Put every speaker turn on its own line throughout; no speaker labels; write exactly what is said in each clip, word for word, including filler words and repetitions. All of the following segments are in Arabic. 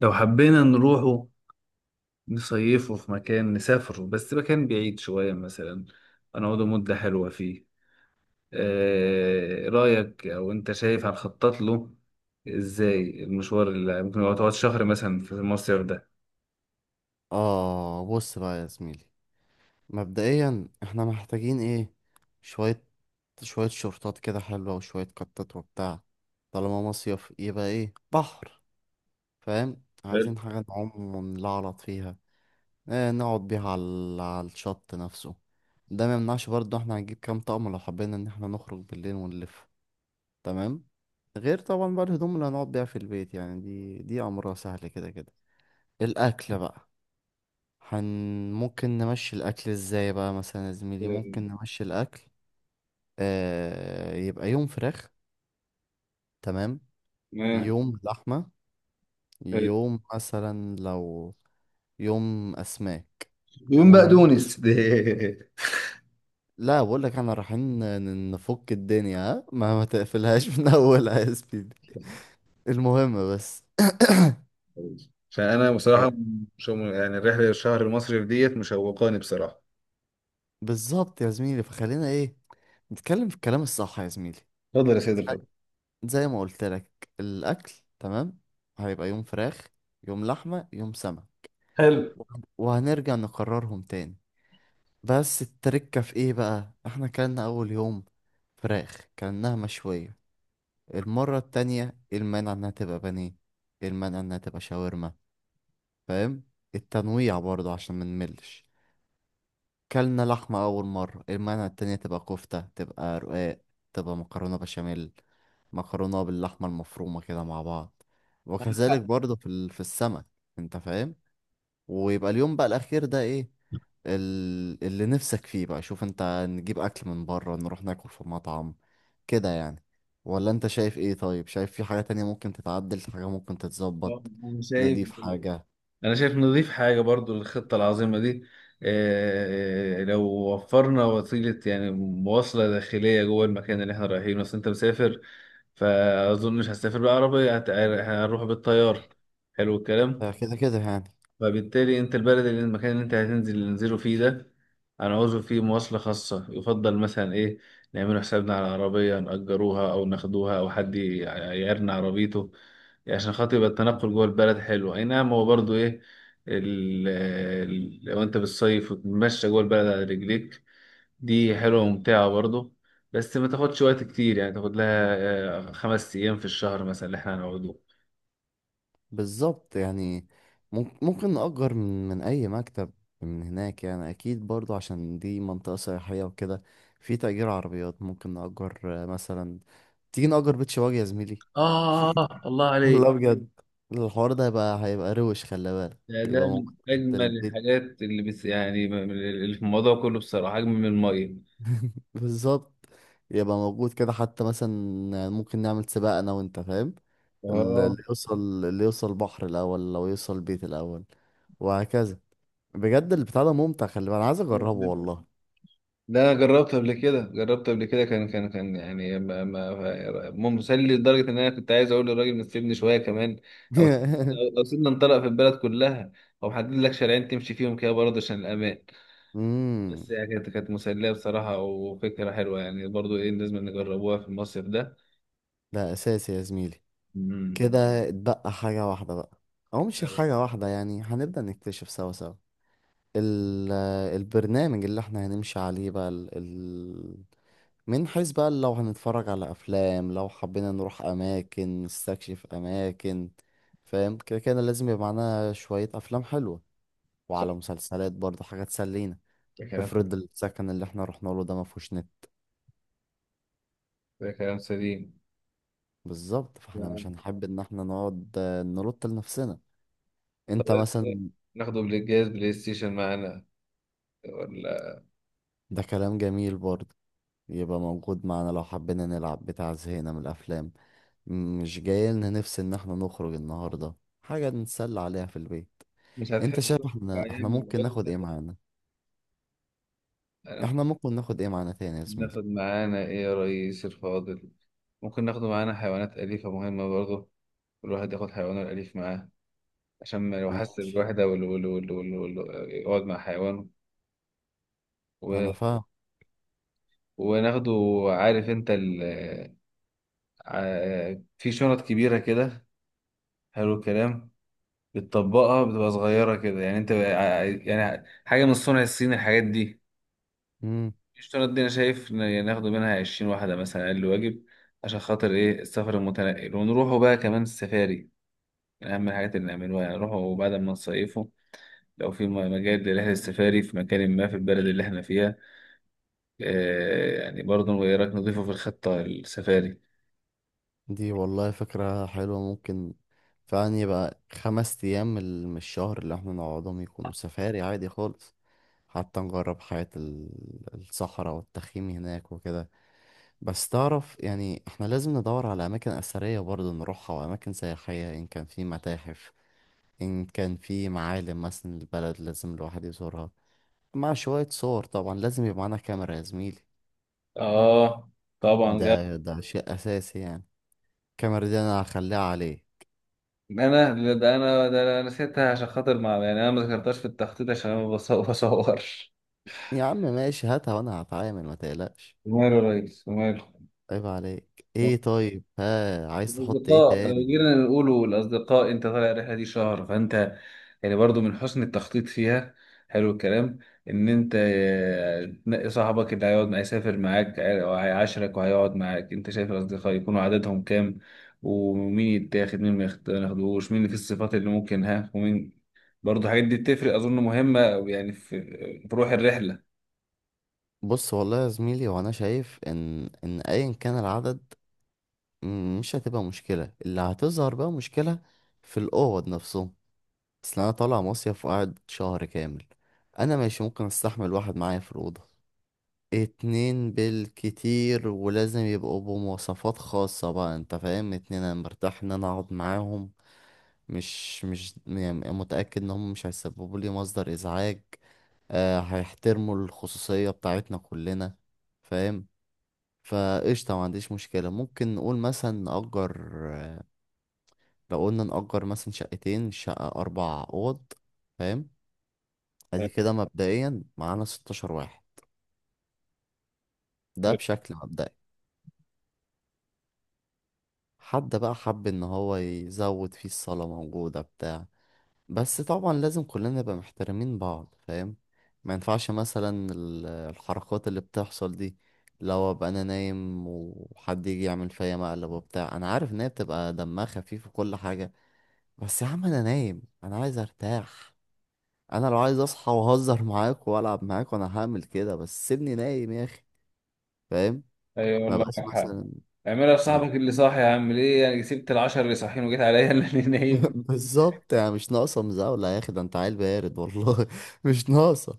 لو حبينا نروحه، نصيفه في مكان نسافره، بس مكان بعيد شوية مثلا. هنقعده مدة حلوة فيه. آه رأيك أو أنت شايف هنخطط له إزاي المشوار اللي ممكن يقعد يقعد شهر مثلا في المصيف ده؟
آه، بص بقى يا زميلي، مبدئيا احنا محتاجين ايه؟ شوية شوية شورتات كده حلوة وشوية كتات وبتاع. طالما مصيف يبقى ايه، بحر. فاهم؟
حلو.
عايزين حاجة نعوم ونلعلط فيها. اه، نقعد بيها على ال- على الشط نفسه. ده ما يمنعش برضه، احنا هنجيب كام طقم لو حبينا ان احنا نخرج بالليل ونلف. تمام. غير طبعا بقى الهدوم اللي هنقعد بيها في البيت، يعني دي دي امرها سهل كده كده. الاكل بقى. هن ممكن نمشي الأكل ازاي بقى مثلا يا زميلي؟ ممكن نمشي الأكل. آه، يبقى يوم فراخ. تمام.
تمام.
يوم لحمة.
حلو.
يوم مثلا لو، يوم أسماك.
دهون بقى
ون...
دونس.
لا، بقول لك احنا رايحين ن- نفك الدنيا، ها، ما ما تقفلهاش من اولها يا سبيدي. المهم بس،
فأنا
آه،
بصراحة مش يعني الرحلة الشهر المصري ديت مشوقاني بصراحة.
بالظبط يا زميلي، فخلينا ايه، نتكلم في الكلام الصح يا زميلي.
اتفضل يا سيد، اتفضل.
زي ما قلت لك، الاكل. تمام. هيبقى يوم فراخ، يوم لحمه، يوم سمك.
حلو.
وهنرجع نقررهم تاني. بس التركه في ايه بقى، احنا كلنا اول يوم فراخ كلناها مشويه، المره التانية إيه المانع انها تبقى بانيه، إيه المانع انها تبقى شاورما؟ فاهم؟ التنويع برضه عشان ما نملش. كلنا لحمه اول مره، إيه المانع التانية تبقى كفته، تبقى رقاق، تبقى مكرونه بشاميل، مكرونة باللحمة المفرومة كده مع بعض. وكذلك برضه في ال- في السمك، انت فاهم. ويبقى اليوم بقى الأخير ده ايه، ال- اللي نفسك فيه بقى. شوف انت، نجيب أكل من بره، نروح ناكل في مطعم كده يعني، ولا انت شايف ايه؟ طيب، شايف في حاجة تانية ممكن تتعدل، في حاجة ممكن تتظبط،
أنا شايف
نضيف حاجة؟
انا شايف نضيف حاجه برضو للخطه العظيمه دي. آه، آه، لو وفرنا وسيله، يعني مواصله داخليه جوه المكان اللي احنا رايحينه، بس انت مسافر فاظن مش هسافر بالعربيه، هت- هنروح بالطياره. حلو الكلام.
آه، كده كده يعني.
فبالتالي انت البلد، اللي المكان اللي انت هتنزل ننزله فيه ده هنعوزه فيه مواصلة خاصة، يفضل مثلا ايه نعمله حسابنا على عربية نأجروها او ناخدوها او حد ي- يعيرنا عربيته، عشان خاطر يبقى التنقل جوه البلد حلو. اي نعم، هو برضو ايه، ال- ال- لو انت بالصيف وتتمشى جوه البلد على رجليك دي حلوة وممتعة برضو، بس ما تاخدش وقت كتير، يعني تاخد لها آه، خمس ايام في الشهر مثلا اللي احنا هنقعدوه.
بالظبط يعني، ممك- ممكن نأجر من من أي مكتب من هناك يعني، أكيد برضو عشان دي منطقة سياحية وكده. في تأجير عربيات، ممكن نأجر، آه، مثلا تيجي نأجر بيت شواجه يا زميلي.
آه، الله
والله
عليك.
بجد. مم. الحوار ده هيبقى هيبقى روش، خلي بالك.
ده
يبقى
ده من
موجود تحت
أجمل
البيت.
الحاجات اللي، بس يعني، من- اللي في الموضوع كله بصراحة أجمل من المية.
بالظبط. يبقى موجود كده حتى مثلا ممكن نعمل سباق أنا وأنت، فاهم؟ ال- اللي
اه،
يوصل اللي يوصل بحر الأول، لو يوصل بيت الأول، وهكذا. بجد البتاع ده ممتع، خلي بالك، انا عايز اجربه والله.
ده أنا جربت قبل كده، جربت قبل كده، كان كان كان يعني ما ما ما- مسلي لدرجة إن أنا كنت عايز أقول للراجل نسيبني شوية كمان. أو أو سيبنا نطلق في البلد كلها، أو محدد لك شارعين تمشي فيهم كده برضه عشان الأمان.
امم
بس يعني كانت كانت مسلية بصراحة، وفكرة حلوة، يعني برضه إيه لازم نجربوها في المصيف ده.
ده اساسي يا زميلي.
امم.
كده اتبقى حاجه واحده بقى، او مش حاجه واحده يعني، هنبدا نكتشف سوا سوا ال- البرنامج اللي احنا هنمشي عليه بقى، ال... ال... من حيث بقى لو هنتفرج على افلام، لو حبينا نروح اماكن، نستكشف اماكن، فاهم؟ كده كده لازم يبقى معانا شويه افلام حلوه،
صح،
وعلى مسلسلات برضه، حاجات تسلينا.
ده كلام
افرض السكن اللي احنا رحنا له ده ما فيهوش نت،
ده كلام سليم.
بالظبط، فاحنا مش هنحب ان احنا نقعد، آه، نلط لنفسنا
طب،
انت
إيه؟
مثلا.
ناخده بالجهاز بلاي ستيشن معانا، ولا؟
ده كلام جميل برضه، يبقى موجود معانا لو حبينا نلعب بتاع، زهقنا من الافلام، م- مش جاي لنا نفس ان احنا نخرج النهارده، حاجه نتسلى عليها في البيت.
مش
انت شايف
هتحسه
احنا احنا
بأيام
ممكن ناخد
العزلة.
ايه معانا؟
أنا ممكن.
احنا ممكن ناخد ايه معانا تاني يا زميلي؟
ناخد معانا إيه يا ريس الفاضل؟ ممكن ناخده معانا حيوانات أليفة مهمة برضه، الواحد ياخد حيوانه الأليف معاه عشان ما لو حس
ماشي،
بالوحدة وال- وال- وال- وال- وال- يقعد مع حيوانه. و...
انا فاهم.
وناخده. عارف أنت ال... ع- في شنط كبيرة كده، حلو الكلام، بتطبقها بتبقى صغيرة كده، يعني أنت ع- يعني حاجة من الصنع الصيني، الحاجات دي
مم.
الاشتراط دي انا شايف ن- يعني ناخده منها عشرين واحده مثلا اقل واجب، عشان خاطر ايه السفر المتنقل. ونروحوا بقى كمان السفاري من اهم الحاجات اللي نعملوها، يعني نروحوا بعد ما نصيفوا، لو في م- مجال لرحله السفاري في مكان ما في البلد اللي احنا فيها. آه يعني برضه ايه رايك، نضيفه في الخطه السفاري.
دي والله فكره حلوه، ممكن فعلا يبقى خمس ايام من الشهر اللي احنا نقعدهم يكونوا سفاري عادي خالص. حتى نجرب حياة ال- الصحراء والتخييم هناك وكده. بس تعرف يعني احنا لازم ندور على أماكن أثرية برضه نروحها، وأماكن سياحية، إن كان في متاحف، إن كان في معالم مثلا. البلد لازم الواحد يزورها، مع شوية صور طبعا، لازم يبقى معانا كاميرا يا زميلي.
اه، طبعا جاب.
ده ده شيء أساسي يعني. الكاميرا دي أنا هخليها عليه.
انا لا، ده انا ده انا نسيتها، عشان خاطر، مع يعني انا ما ذكرتهاش في التخطيط عشان انا ما بص- بصورش.
يا عم ماشي، هاتها وأنا هتعامل، ما تقلقش.
وماله يا ريس، وماله.
عيب عليك. ايه طيب؟ ها، عايز تحط ايه
الأصدقاء، لو
تاني؟
جينا نقولوا الأصدقاء، أنت طالع الرحلة دي شهر، فأنت يعني برضو من حسن التخطيط فيها، حلو الكلام، إن أنت آه، تنقي صاحبك اللي هيقعد معاه، يسافر معاك وهيعاشرك وهيقعد معاك. أنت شايف الأصدقاء يكونوا عددهم كام؟ ومين يتاخد، مين ما ياخد- ما ياخدوش، مين في الصفات اللي ممكن، ها، ومين، برضو الحاجات دي بتفرق، أظن مهمة، يعني في في روح الرحلة.
بص والله يا زميلي، وانا شايف ان ان ايا كان العدد، م- مش هتبقى مشكله. اللي هتظهر بقى مشكله في الاوض نفسهم. اصل انا طالع مصيف وقاعد شهر كامل. انا ماشي، ممكن استحمل واحد معايا في الاوضه، اتنين بالكتير، ولازم يبقوا بمواصفات خاصه بقى، انت فاهم، اتنين انا مرتاح ان انا اقعد معاهم، مش مش يعني متاكد ان هم مش هيسببوا لي مصدر ازعاج، آه هيحترموا الخصوصيه بتاعتنا كلنا، فاهم؟ فقشطة، ما عنديش مشكلة. ممكن نقول مثلا نأجر، لو قلنا نأجر مثلا شقتين، شقة أربع أوض، فاهم، أدي
حلو.
كده مبدئيا معانا ستاشر واحد. ده
حلو.
بشكل مبدئي. حد بقى حب إن هو يزود، فيه الصالة موجودة بتاع بس طبعا لازم كلنا نبقى محترمين بعض، فاهم؟ ما ينفعش مثلا ال- الحركات اللي بتحصل دي، لو ابقى انا نايم وحد يجي يعمل فيا مقلب وبتاع، انا عارف ان هي بتبقى دمها خفيف وكل حاجة، بس يا عم انا نايم، انا عايز ارتاح. انا لو عايز اصحى واهزر معاك والعب معاك، وانا هعمل كده، بس سيبني نايم يا اخي، فاهم؟
أيوة
ما
والله،
بقاش
معاك حق.
مثلا،
اعملها
آه.
لصاحبك اللي صاحي يا عم، ليه يعني؟ سبت العشرة اللي صاحيين وجيت عليا اللي نايم؟
بالظبط يعني، مش ناقصه مزاوله يا اخي، ده انت عيل بارد والله مش ناقصه،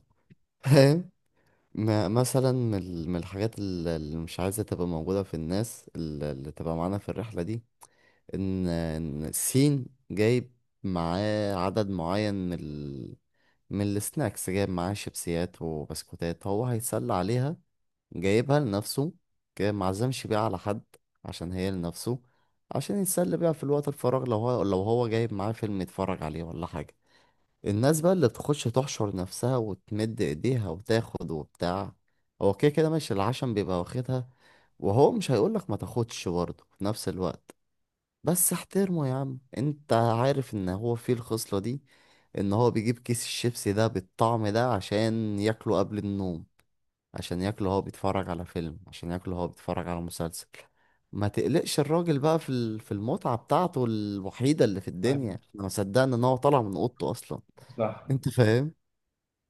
فاهم؟ ما مثلا من ال- من الحاجات ال- اللي مش عايزه تبقى موجوده في الناس ال- اللي تبقى معانا في الرحله دي، ان ان الصين جايب معاه عدد معين من ال... من السناكس، جايب معاه شيبسيات وبسكوتات هو هيتسلى عليها، جايبها لنفسه، جايب معزمش بيها على حد عشان هي لنفسه، عشان يتسلى بيها في الوقت الفراغ، لو هو لو هو جايب معاه فيلم يتفرج عليه ولا حاجة. الناس بقى اللي بتخش تحشر نفسها وتمد ايديها وتاخد وبتاع، هو كده كده ماشي العشم بيبقى واخدها، وهو مش هيقولك ما تاخدش برضه في نفس الوقت، بس احترمه يا عم، انت عارف ان هو فيه الخصلة دي، ان هو بيجيب كيس الشيبسي ده بالطعم ده عشان ياكله قبل النوم، عشان ياكله هو بيتفرج على فيلم، عشان ياكله هو بيتفرج على مسلسل، ما تقلقش الراجل بقى في ال- في المتعة بتاعته الوحيدة اللي في الدنيا، احنا ما صدقنا ان هو طالع من اوضته اصلا.
صح.
انت فاهم،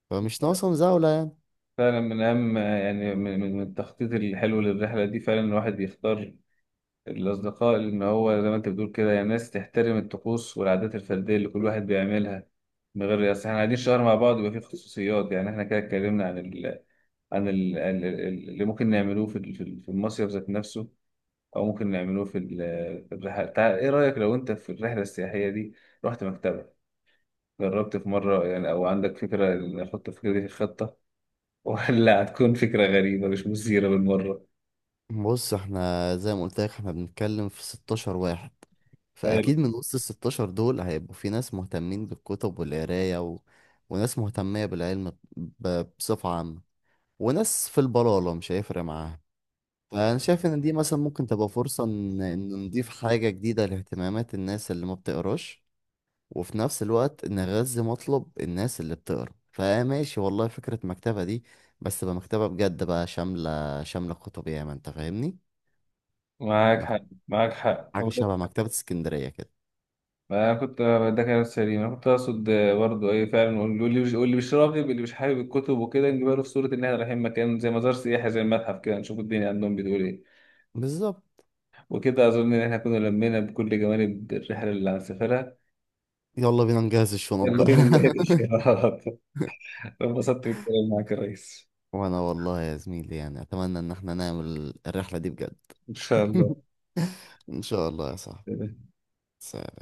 فمش ناقصه مزاولة يعني.
فعلا من أهم، يعني من من- من التخطيط الحلو للرحلة دي، فعلا الواحد يختار الأصدقاء اللي إن هو زي ما أنت بتقول كده، يعني ناس تحترم الطقوس والعادات الفردية اللي كل واحد بيعملها، من غير أصل إحنا قاعدين شهر مع بعض يبقى في خصوصيات. يعني إحنا كده اتكلمنا عن ال... عن ال... ال- ال- اللي ممكن نعملوه في ال- في ال- في المصيف ذات نفسه، أو ممكن نعملوه في ال- في الرحلة. تعال، إيه رأيك لو أنت في الرحلة السياحية دي رحت مكتبة، جربت في مرة يعني، أو عندك فكرة نحط الفكرة دي في الخطة، ولا هتكون فكرة غريبة مش مثيرة بالمرة؟
بص احنا زي ما قلت لك احنا بنتكلم في ستاشر واحد،
حلو.
فاكيد من وسط ال ستاشر دول هيبقوا في ناس مهتمين بالكتب والقرايه و... وناس مهتميه بالعلم ب... بصفه عامه، وناس في البلاله مش هيفرق معاها. فانا شايف ان دي مثلا ممكن تبقى فرصه ان ان نضيف حاجه جديده لاهتمامات الناس اللي ما بتقراش، وفي نفس الوقت نغذي مطلب الناس اللي بتقرا. فماشي والله، فكره مكتبه دي، بس تبقى مكتبه بجد بقى، شامله شامله كتب ياما، انت فاهمني.
معاك حق، معاك حق.
حاجة شبه مكتبة اسكندرية كده،
ما أنا كنت ده كلام سليم، انا كنت اقصد برضه ايه، فعلا واللي مش واللي مش راغب، اللي مش حابب الكتب وكده نجيبها له في صوره ان احنا رايحين مكان زي مزار سياحي، زي المتحف كده، نشوف الدنيا عندهم بتقول ايه.
بالظبط.
وكده اظن ان احنا كنا لمينا بكل جوانب الرحله اللي هنسافرها.
يلا بينا نجهز الشنط
يلا
بقى.
بينا نناقش. انبسطت بالكلام معاك يا ريس.
وانا والله يا زميلي يعني اتمنى ان احنا نعمل الرحلة دي بجد.
إن شاء الله.
ان شاء الله يا صاحبي. سلام.